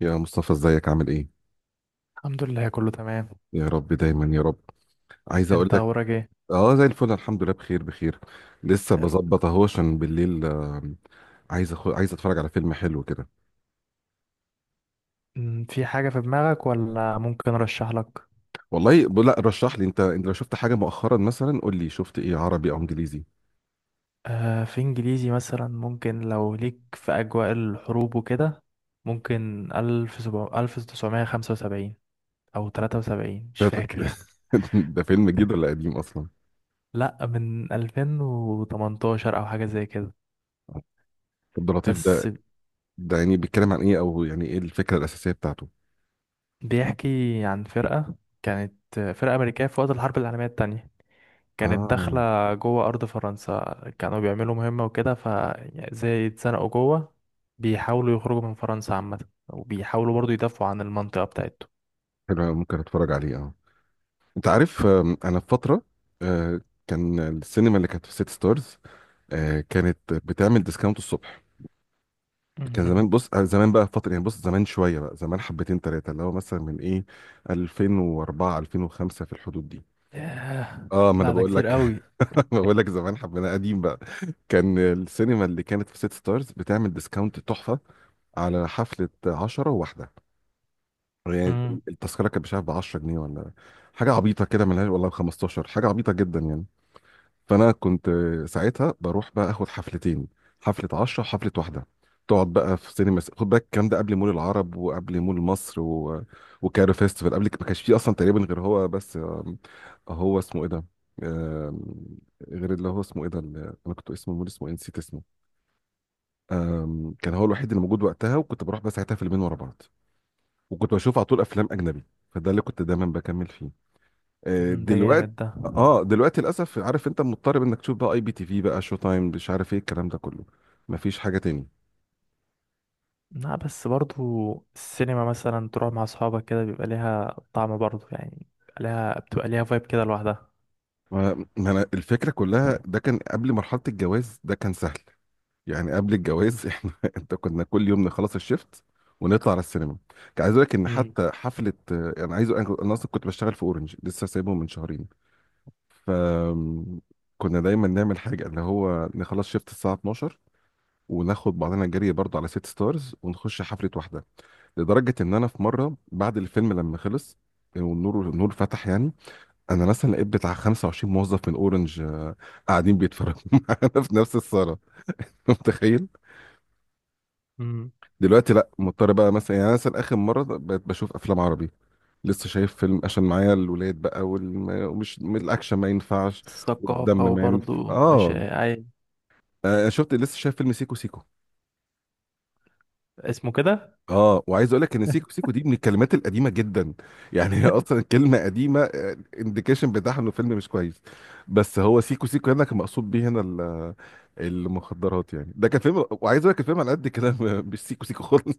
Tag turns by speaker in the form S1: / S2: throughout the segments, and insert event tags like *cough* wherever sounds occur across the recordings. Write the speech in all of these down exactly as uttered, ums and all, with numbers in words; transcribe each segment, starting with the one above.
S1: يا مصطفى ازيك عامل ايه؟
S2: الحمد لله، كله تمام.
S1: يا رب دايما يا رب. عايز اقول
S2: انت
S1: لك،
S2: اخبارك ايه؟
S1: اه زي الفل الحمد لله، بخير بخير. لسه بظبط اهو عشان بالليل آم، عايز أخو... عايز اتفرج على فيلم حلو كده.
S2: ام، في حاجة في دماغك ولا ممكن ارشح لك؟
S1: والله ب- لا رشح لي انت انت لو شفت حاجه مؤخرا مثلا قول لي، شفت ايه عربي او انجليزي؟
S2: آه، في انجليزي مثلا، ممكن لو ليك في اجواء الحروب وكده. ممكن الف سبع الف تسعمية خمسة وسبعين، او تلاتة وسبعين، مش
S1: ده,
S2: فاكر.
S1: *laughs* ده فيلم جديد ولا قديم اصلا؟
S2: لا، من الفين وتمنتاشر او حاجة زي كده.
S1: عبد اللطيف
S2: بس.
S1: ده، ده يعني بيتكلم عن ايه، او يعني ايه الفكره الاساسيه بتاعته؟
S2: بيحكي عن فرقة كانت فرقة أمريكية في وقت الحرب العالمية التانية. كانت
S1: اه
S2: داخلة جوه أرض فرنسا. كانوا بيعملوا مهمة وكده، ف يعني زي اتزنقوا جوه. بيحاولوا يخرجوا من فرنسا عامة. وبيحاولوا برضو يدافعوا عن المنطقة بتاعتهم.
S1: حلو أوي، ممكن اتفرج عليه اه. انت عارف آم، انا في فتره، آه، كان السينما اللي كانت في سيتي ستارز آه، كانت بتعمل ديسكاونت الصبح. كان
S2: مم.
S1: زمان، بص آه، زمان بقى فتره يعني، بص زمان شويه بقى، زمان حبتين ثلاثه، اللي هو مثلا من ايه، ألفين وأربعة ألفين وخمسة في الحدود دي.
S2: ياه.
S1: اه ما انا
S2: لا، ده
S1: بقول
S2: كتير
S1: لك،
S2: قوي.
S1: *laughs* بقول لك زمان، حبنا قديم بقى. كان السينما اللي كانت في سيتي ستارز بتعمل ديسكاونت تحفه على حفله عشرة وواحده يعني.
S2: مم.
S1: التذكره كانت مش عارف ب عشرة جنيه ولا حاجه عبيطه كده، ملهاش، والله ب خمستاشر، حاجه عبيطه جدا يعني. فانا كنت ساعتها بروح بقى اخد حفلتين، حفله عشرة وحفله واحده. تقعد بقى في سينما، خد بالك الكلام ده قبل مول العرب وقبل مول مصر و... وكايرو فيستيفال. قبل ما كانش فيه اصلا تقريبا غير هو بس. آم، هو اسمه ايه ده؟ آم، غير اللي هو اسمه ايه ده، اللي انا كنت اسمه مول، اسمه إيه؟ نسيت اسمه. آم، كان هو الوحيد اللي موجود وقتها، وكنت بروح بقى ساعتها فيلمين ورا بعض، وكنت بشوف على طول افلام اجنبي. فده اللي كنت دايما بكمل فيه. آه،
S2: مم، ده
S1: دلوقتي
S2: جامد ده.
S1: تمام، اه دلوقتي للاسف، عارف، انت مضطر انك تشوف بقى اي بي تي في بقى، شو تايم، مش عارف ايه الكلام ده كله. مفيش حاجه تاني.
S2: لا بس برضو السينما مثلا تروح مع أصحابك كده، بيبقى ليها طعم برضو، يعني بيبقى ليها بتبقى ليها فايب كده لوحدها.
S1: ما ما انا الفكره كلها، ده كان قبل مرحله الجواز، ده كان سهل يعني. قبل الجواز *laughs* احنا انت كنا كل يوم نخلص الشيفت ونطلع على السينما. كان عايز اقول لك ان
S2: مم.
S1: حتى حفله، آه، انا عايز، انا أنا اصلا كنت بشتغل في اورنج، لسه سايبه من شهرين. ف كنا دايما نعمل حاجه، اللي هو نخلص شيفت الساعه اتناشر، وناخد بعضنا جري برضه على سيت ستارز، ونخش حفله واحده. لدرجه ان انا في مره بعد الفيلم لما خلص، والنور النور فتح يعني، انا مثلا لقيت بتاع خمسة وعشرين موظف من اورنج آه، قاعدين بيتفرجوا *laughs* معانا في نفس الصاله. *laughs* متخيل.
S2: مم.
S1: دلوقتي لا، مضطر بقى مثلا يعني. أنا مثلا اخر مره بقيت بشوف افلام عربي، لسه شايف فيلم عشان معايا الولاد بقى، والم- ومش الاكشن ما ينفعش
S2: الثقافة
S1: والدم ما ينفعش
S2: وبرضو مش
S1: اه.
S2: أي.
S1: آه، شفت لسه شايف فيلم سيكو سيكو.
S2: اسمه كده.
S1: اه وعايز اقول لك ان سيكو
S2: *laughs*
S1: سيكو دي من الكلمات القديمه جدا يعني، *laughs* هي اصلا كلمه قديمه، انديكيشن بتاعها انه فيلم مش كويس. بس هو سيكو سيكو هنا كان مقصود بيه هنا ال- المخدرات يعني. ده كان فيلم، وعايز اقول لك الفيلم على قد كده *laughs* م- مش سيكو سيكو خالص.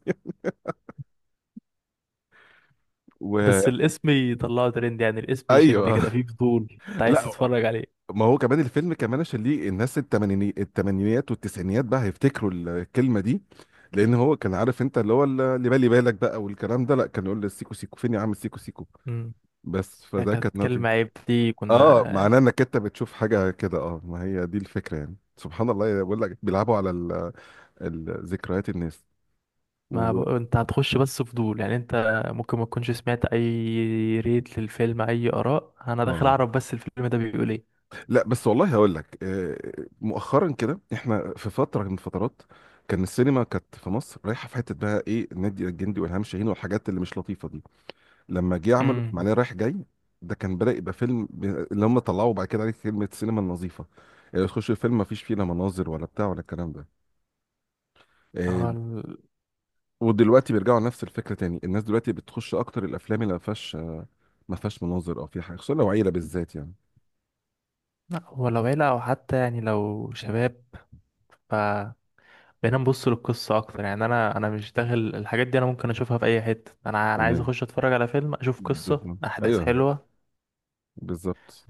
S2: بس الاسم يطلعه ترند، يعني الاسم يشد
S1: وايوه
S2: كده، فيه فضول انت
S1: *laughs*
S2: عايز
S1: لا.
S2: تتفرج عليه.
S1: ما هو كمان الفيلم كمان عشان ليه الناس التمانيني التمانينيات والتسعينيات بقى هيفتكروا الكلمه دي، لان هو كان عارف انت اللي هو اللي بالي بالك بقى والكلام ده، لا كان يقول للسيكو سيكو فين يا عم السيكو سيكو.
S2: امم
S1: بس فده
S2: كانت
S1: كانت نقطة.
S2: كلمة عيب دي كنا.
S1: اه معناه انك انت بتشوف حاجه كده. اه ما هي دي الفكره يعني، سبحان الله، بقول لك بيلعبوا على ال- ال- ذكريات الناس
S2: ما ب...
S1: و...
S2: انت هتخش بس فضول، يعني انت ممكن ما تكونش سمعت اي ريت للفيلم اي اراء، انا داخل
S1: اه.
S2: اعرف بس الفيلم ده بيقول ايه.
S1: لا بس والله هقول لك، آه، مؤخرا كده احنا في فتره من الفترات، كان السينما كانت في مصر رايحه في حته بقى ايه، النادي الجندي والهام شاهين والحاجات اللي مش لطيفه دي. لما جه عملوا
S2: امم
S1: معناه رايح جاي، ده كان بدأ يبقى فيلم ب... اللي هم طلعوا بعد كده عليه كلمه السينما النظيفه. آه، تخش الفيلم ما فيش فيه لا مناظر ولا بتاع ولا الكلام ده. آه،
S2: هو ال-
S1: ودلوقتي بيرجعوا لنفس الفكره تاني. الناس دلوقتي بتخش اكتر الافلام اللي ما فيهاش ما فيهاش مناظر، او في حاجه، خصوصا لو عيله بالذات يعني.
S2: لا هو لو عيلة او حتى يعني لو شباب. ف بقينا نبص للقصة أكتر، يعني أنا أنا مش داخل الحاجات دي، أنا ممكن أشوفها في أي حتة، أنا أنا عايز
S1: تمام،
S2: أخش أتفرج على فيلم، أشوف قصة
S1: بالظبط
S2: أحداث
S1: ايوه،
S2: حلوة.
S1: بالظبط.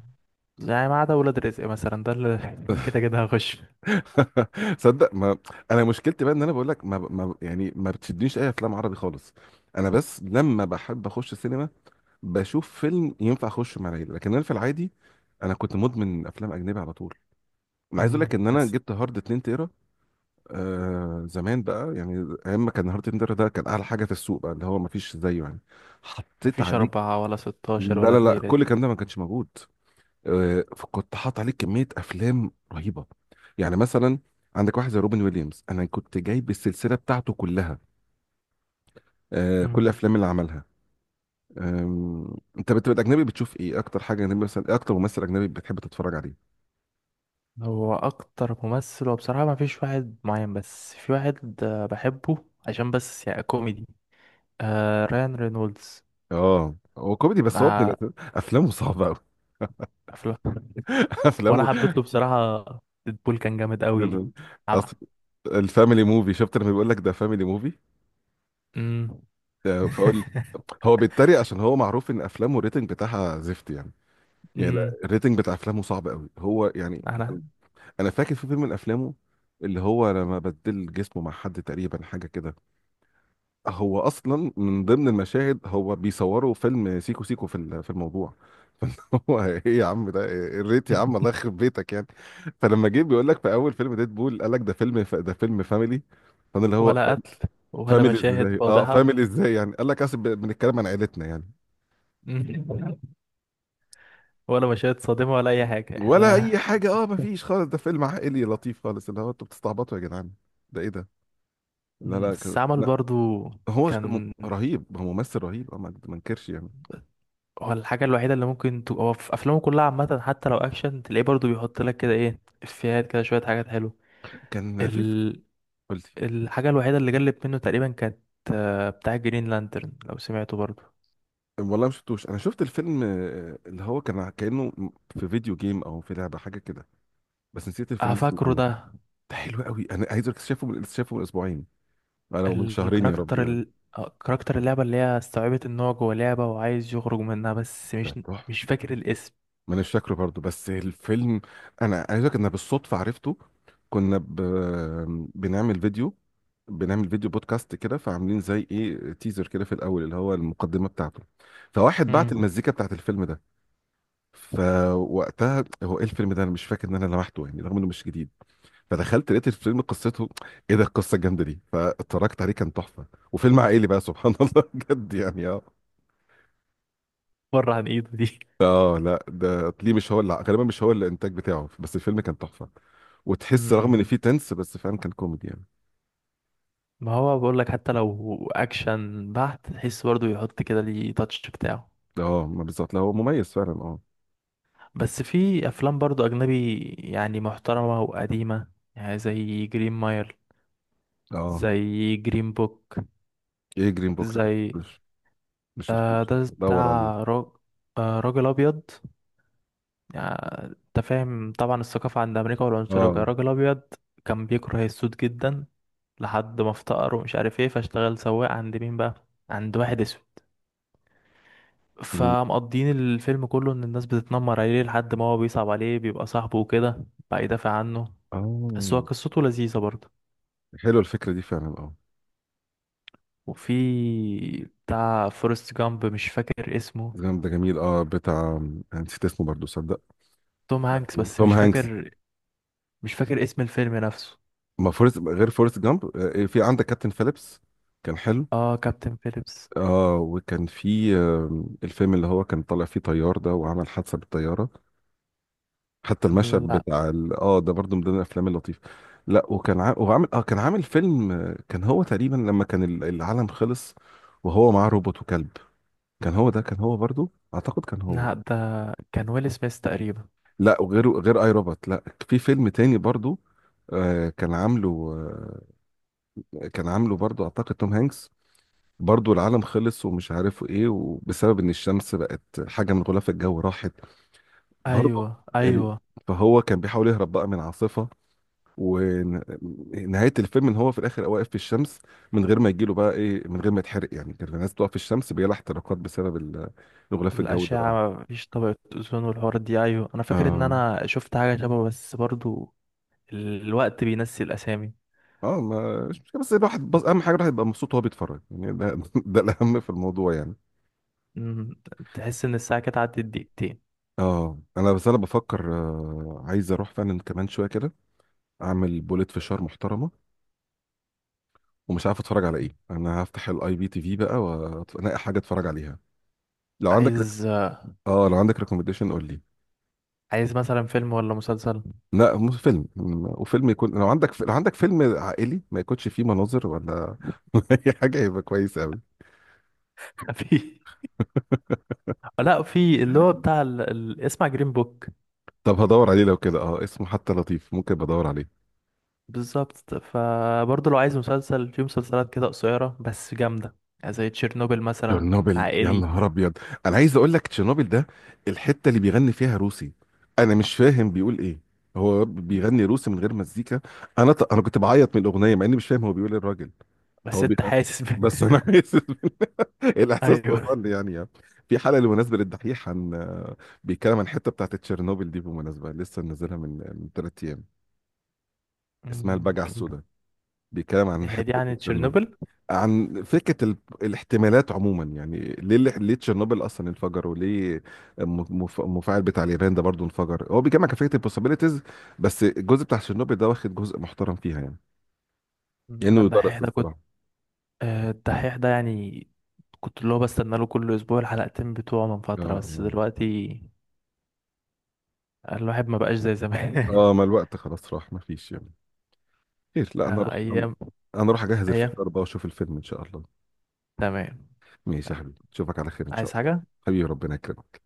S2: يعني ما عدا ولاد رزق مثلا، ده اللي *laughs* اللي كده
S1: *laughs*
S2: كده هخش.
S1: صدق ما، انا مشكلتي بقى ان انا بقول لك ما... ما يعني ما بتشدنيش اي افلام عربي خالص. انا بس لما بحب اخش السينما، بشوف فيلم ينفع اخش مع العيله. لكن انا في العادي انا كنت مدمن افلام اجنبي على طول. انا عايز اقول
S2: مم.
S1: لك ان انا
S2: بس
S1: جبت هارد اتنين تيرا. آه زمان بقى، يعني ايام ما كان هارت تندر ده كان اعلى حاجه في السوق بقى، اللي هو ما فيش زيه يعني. حطيت
S2: مفيش
S1: عليك،
S2: أربعة ولا ستاشر
S1: لا
S2: ولا
S1: لا لا،
S2: الليلة دي.
S1: كل الكلام ده ما كانش موجود. آه فكنت حاط عليك كميه افلام رهيبه يعني، مثلا عندك واحد زي روبن ويليامز، انا كنت جايب السلسله بتاعته كلها، آه كل
S2: مم.
S1: الافلام اللي عملها. آم، انت بتبقى اجنبي بتشوف ايه اكتر حاجه اجنبي، مثلا إيه اكتر ممثل اجنبي بتحب تتفرج عليه؟
S2: هو أكتر ممثل وبصراحة مفيش واحد معين، بس في واحد آه، بحبه عشان بس يعني كوميدي. آه، ريان رينولدز.
S1: اه هو كوميدي، بس هو ابن
S2: آه،
S1: الأس- افلامه صعبه قوي.
S2: أفلام.
S1: *laughs*
S2: وأنا
S1: افلامه
S2: حبيت له بصراحة. ديدبول كان جامد قوي.
S1: دول- اصل
S2: عب-
S1: الفاميلي موفي، شفت لما بيقول لك ده فاميلي موفي،
S2: مم.
S1: فاقول
S2: *laughs*
S1: هو بيتريق، عشان هو معروف ان افلامه الريتنج بتاعها زفت يعني. يعني لا،
S2: مم.
S1: الريتنج بتاع افلامه صعب قوي هو يعني.
S2: أنا.
S1: انا فاكر في فيلم من افلامه، اللي هو لما بدل جسمه مع حد تقريبا حاجه كده، هو اصلا من ضمن المشاهد هو بيصوروا فيلم سيكو سيكو في ال- في الموضوع. *laughs* هو ايه يا عم ده، إيه الريت يا عم، الله يخرب بيتك يعني. فلما جه بيقول لك في اول فيلم ديد بول، قال لك ده فيلم ف... ده فيلم فاميلي. فانا اللي هو
S2: ولا قتل ولا
S1: فاميلي
S2: مشاهد
S1: ازاي، اه
S2: فاضحة.
S1: فاميلي ازاي يعني؟ قال لك اصل ب- بنتكلم عن عيلتنا يعني.
S2: مم. *laughs* ولا مشاهد صادمة ولا أي حاجة
S1: ولا اي
S2: احنا.
S1: حاجه، اه ما فيش خالص، ده فيلم عائلي لطيف خالص، اللي هو انتوا بتستعبطوا يا جدعان، ده ايه ده؟ لا
S2: مم،
S1: لا
S2: بس
S1: كان-
S2: عمل
S1: لا.
S2: برضو
S1: هو ش- م-
S2: كان
S1: رهيب، هو ممثل رهيب اه، ما ما انكرش يعني.
S2: هو الحاجة الوحيدة اللي ممكن تبقى، هو في أفلامه كلها عامة حتى لو أكشن، تلاقيه برضو بيحط لك كده إيه إفيهات كده، شوية حاجات حلوة.
S1: كان في
S2: ال...
S1: قلت،
S2: الحاجة الوحيدة اللي جلت منه تقريبا، كانت آه، بتاع جرين لانترن لو سمعته برضو.
S1: والله ما شفتوش، انا شفت الفيلم آه، اللي هو كان كانه في فيديو جيم او في لعبه حاجه كده، بس نسيت
S2: آه،
S1: الفيلم اسمه
S2: فاكره
S1: ايه.
S2: ده.
S1: ده حلو قوي، انا عايز اقول لك شايفه من لسه شايفه من اسبوعين، انا من شهرين يا ربي
S2: الكاركتر
S1: يعني.
S2: ال... آه، كاركتر اللعبة اللي هي استوعبت إن هو جوه لعبة وعايز يخرج منها، بس
S1: ده
S2: مش. مش
S1: تحفة.
S2: فاكر الاسم.
S1: ما انا مش فاكره برضه بس الفيلم، انا عايز اقولك ان أنا بالصدفه عرفته. كنا ب... بنعمل فيديو بنعمل فيديو بودكاست كده، فعاملين زي ايه تيزر كده في الاول اللي هو المقدمه بتاعته، فواحد بعت
S2: مم.
S1: مم. المزيكا بتاعت الفيلم ده. فوقتها هو ايه الفيلم ده، انا مش فاكر ان انا لمحته يعني رغم انه مش جديد. فدخلت لقيت الفيلم، قصته ايه ده، القصه الجامده دي، فاتفرجت عليه كان تحفه، وفيلم عائلي بقى، سبحان *laughs* الله بجد يعني اه.
S2: بره عن إيده دي.
S1: اه لا ده ليه مش هو، اللي غالبا مش هو الانتاج بتاعه، بس الفيلم كان تحفه. وتحس رغم
S2: مم.
S1: ان فيه تنس بس فعلا كان كوميدي يعني.
S2: ما هو بقول لك حتى لو اكشن بحت، تحس برضه يحط كده ليه تاتش بتاعه.
S1: اه ما بالظبط، لا هو مميز فعلا اه.
S2: بس في افلام برضه اجنبي يعني محترمة وقديمة، يعني زي جرين ماير،
S1: اه
S2: زي جرين بوك،
S1: ايه جرين بوك ده؟
S2: زي
S1: مش مش
S2: آه
S1: شفتوش،
S2: ده
S1: دور عليه
S2: بتاع راج... آه راجل ابيض. يعني انت فاهم طبعا الثقافة عند امريكا والعنصرية وكده.
S1: اه.
S2: راجل ابيض كان بيكره السود جدا، لحد ما افتقر ومش عارف ايه، فاشتغل سواق عند مين بقى، عند واحد اسود.
S1: م-
S2: فمقضيين الفيلم كله ان الناس بتتنمر عليه لحد ما هو بيصعب عليه، بيبقى صاحبه وكده، بقى يدافع عنه. بس هو
S1: اه
S2: قصته لذيذة برضه.
S1: حلوه الفكره دي فعلا اه.
S2: وفي بتاع فورست جامب، مش فاكر اسمه.
S1: جامد ده، جميل اه، بتاع، أنا نسيت اسمه برضه صدق.
S2: توم هانكس، بس
S1: توم
S2: مش
S1: هانكس.
S2: فاكر. مش فاكر اسم الفيلم نفسه.
S1: ما فورست غير فورست جامب. آه، في عندك كابتن فيليبس، كان حلو.
S2: اه، كابتن فيليبس.
S1: اه وكان في آه، الفيلم اللي هو كان طالع فيه طيار ده وعمل حادثه بالطياره، حتى المشهد
S2: لا،
S1: بتاع ال... اه ده برضو من ضمن الافلام اللطيفه. لا وكان ع... وعامل اه، كان عامل فيلم، آه، كان هو تقريبا لما كان ال- العالم خلص، وهو معاه روبوت وكلب. كان هو ده، كان هو برضو اعتقد كان هو.
S2: لا، ده كان ويل سميث تقريبا.
S1: لا وغيره غير اي روبوت. لا في فيلم تاني برضو، آه كان عامله، آه كان عامله برضو اعتقد توم هانكس. برضو العالم خلص، ومش عارف ايه، وبسبب ان الشمس بقت حاجه من غلاف الجو راحت برضو
S2: ايوه،
S1: ال...
S2: ايوه.
S1: فهو كان بيحاول يهرب بقى من عاصفه. ونهايه الفيلم ان هو في الاخر واقف في الشمس من غير ما يجيله بقى ايه، من غير ما يتحرق يعني. كان الناس بتقف في الشمس بيلا احتراقات بسبب ال- الغلاف الجوي ده بقى.
S2: الأشعة، مفيش طبقة أوزون والحوارات دي، أيوة أنا فاكر إن
S1: اه
S2: أنا شفت حاجة شبه بس برضو. الوقت بينسي الأسامي.
S1: اه ما مش مشكلة، بس الواحد بس اهم حاجه الواحد يبقى مبسوط وهو بيتفرج يعني، ده *laughs* ده الاهم في الموضوع يعني.
S2: مم، تحس ان الساعة كانت عدت دقيقتين.
S1: اه انا بس انا بفكر آه، عايز اروح فعلا كمان شويه كده اعمل بوليت فشار محترمه، ومش عارف اتفرج على ايه، انا هفتح الاي بي تي في بقى والاقي حاجه اتفرج عليها. لو عندك ريك-
S2: عايز آه،
S1: اه لو عندك ريكومنديشن قول لي.
S2: عايز مثلا فيلم ولا مسلسل؟
S1: لا مو فيلم، م- وفيلم يكون، لو عندك ف- لو عندك فيلم عائلي ما يكونش فيه مناظر ولا *laughs* اي حاجه يبقى كويس قوي.
S2: *laughs* في. لا، في اللي هو بتاع ال... ال... اسمع جرين بوك.
S1: طب هدور عليه لو كده اه، اسمه حتى لطيف ممكن بدور عليه.
S2: بالظبط، فبرضه لو عايز مسلسل في مسلسلات كده قصيرة بس جامدة، يعني زي تشيرنوبل مثلا.
S1: تشيرنوبل، يا
S2: عائلي.
S1: نهار ابيض، انا عايز اقول لك تشيرنوبل ده، الحته اللي بيغني فيها روسي انا مش فاهم بيقول ايه، هو بيغني روسي من غير مزيكا، انا ط... انا كنت بعيط من الاغنيه مع اني مش فاهم هو بيقول إيه الراجل.
S2: بس
S1: هو
S2: انت
S1: بيغني،
S2: حاسس ب...
S1: بس
S2: *laughs*
S1: انا *laughs* عايز *laughs* الاحساس
S2: ايوه.
S1: وصل لي يعني، يعني في حلقه بالمناسبه للدحيح عن، بيتكلم عن الحته بتاعت تشيرنوبل دي، بالمناسبه لسه منزلها من من ثلاث ايام، اسمها
S2: مم،
S1: البجعه
S2: كان-
S1: السوداء، بيتكلم عن
S2: هي دي
S1: حته
S2: يعني
S1: تشيرنوبل،
S2: تشيرنوبل.
S1: عن فكره ال... الاحتمالات عموما يعني، ليه ليه ليه تشيرنوبل اصلا انفجر، وليه الم- مف... المفاعل بتاع اليابان ده برضه انفجر، هو بيجمع كان فكره البوسيبيليتيز، بس الجزء بتاع تشيرنوبل ده واخد جزء محترم فيها يعني،
S2: مم،
S1: كانه
S2: انا الدحيح
S1: يدرس
S2: ده كنت.
S1: الصراحه.
S2: آه، الدحيح ده يعني، كنت اللي هو بستنى له كل اسبوع الحلقتين بتوعه من
S1: اه
S2: فترة، بس
S1: اه
S2: دلوقتي الواحد ما بقاش زي زمان.
S1: آه،
S2: *laughs*
S1: ما الوقت خلاص راح، ما فيش يعني. خير لا انا
S2: آه،
S1: اروح، انا
S2: ايام.
S1: أنا اروح اجهز
S2: ايام.
S1: الفشار بقى واشوف الفيلم ان شاء الله.
S2: تمام.
S1: ماشي يا
S2: يلا.
S1: حبيبي، اشوفك على خير ان شاء
S2: عايز
S1: الله.
S2: حاجة؟
S1: حبيبي ربنا يكرمك.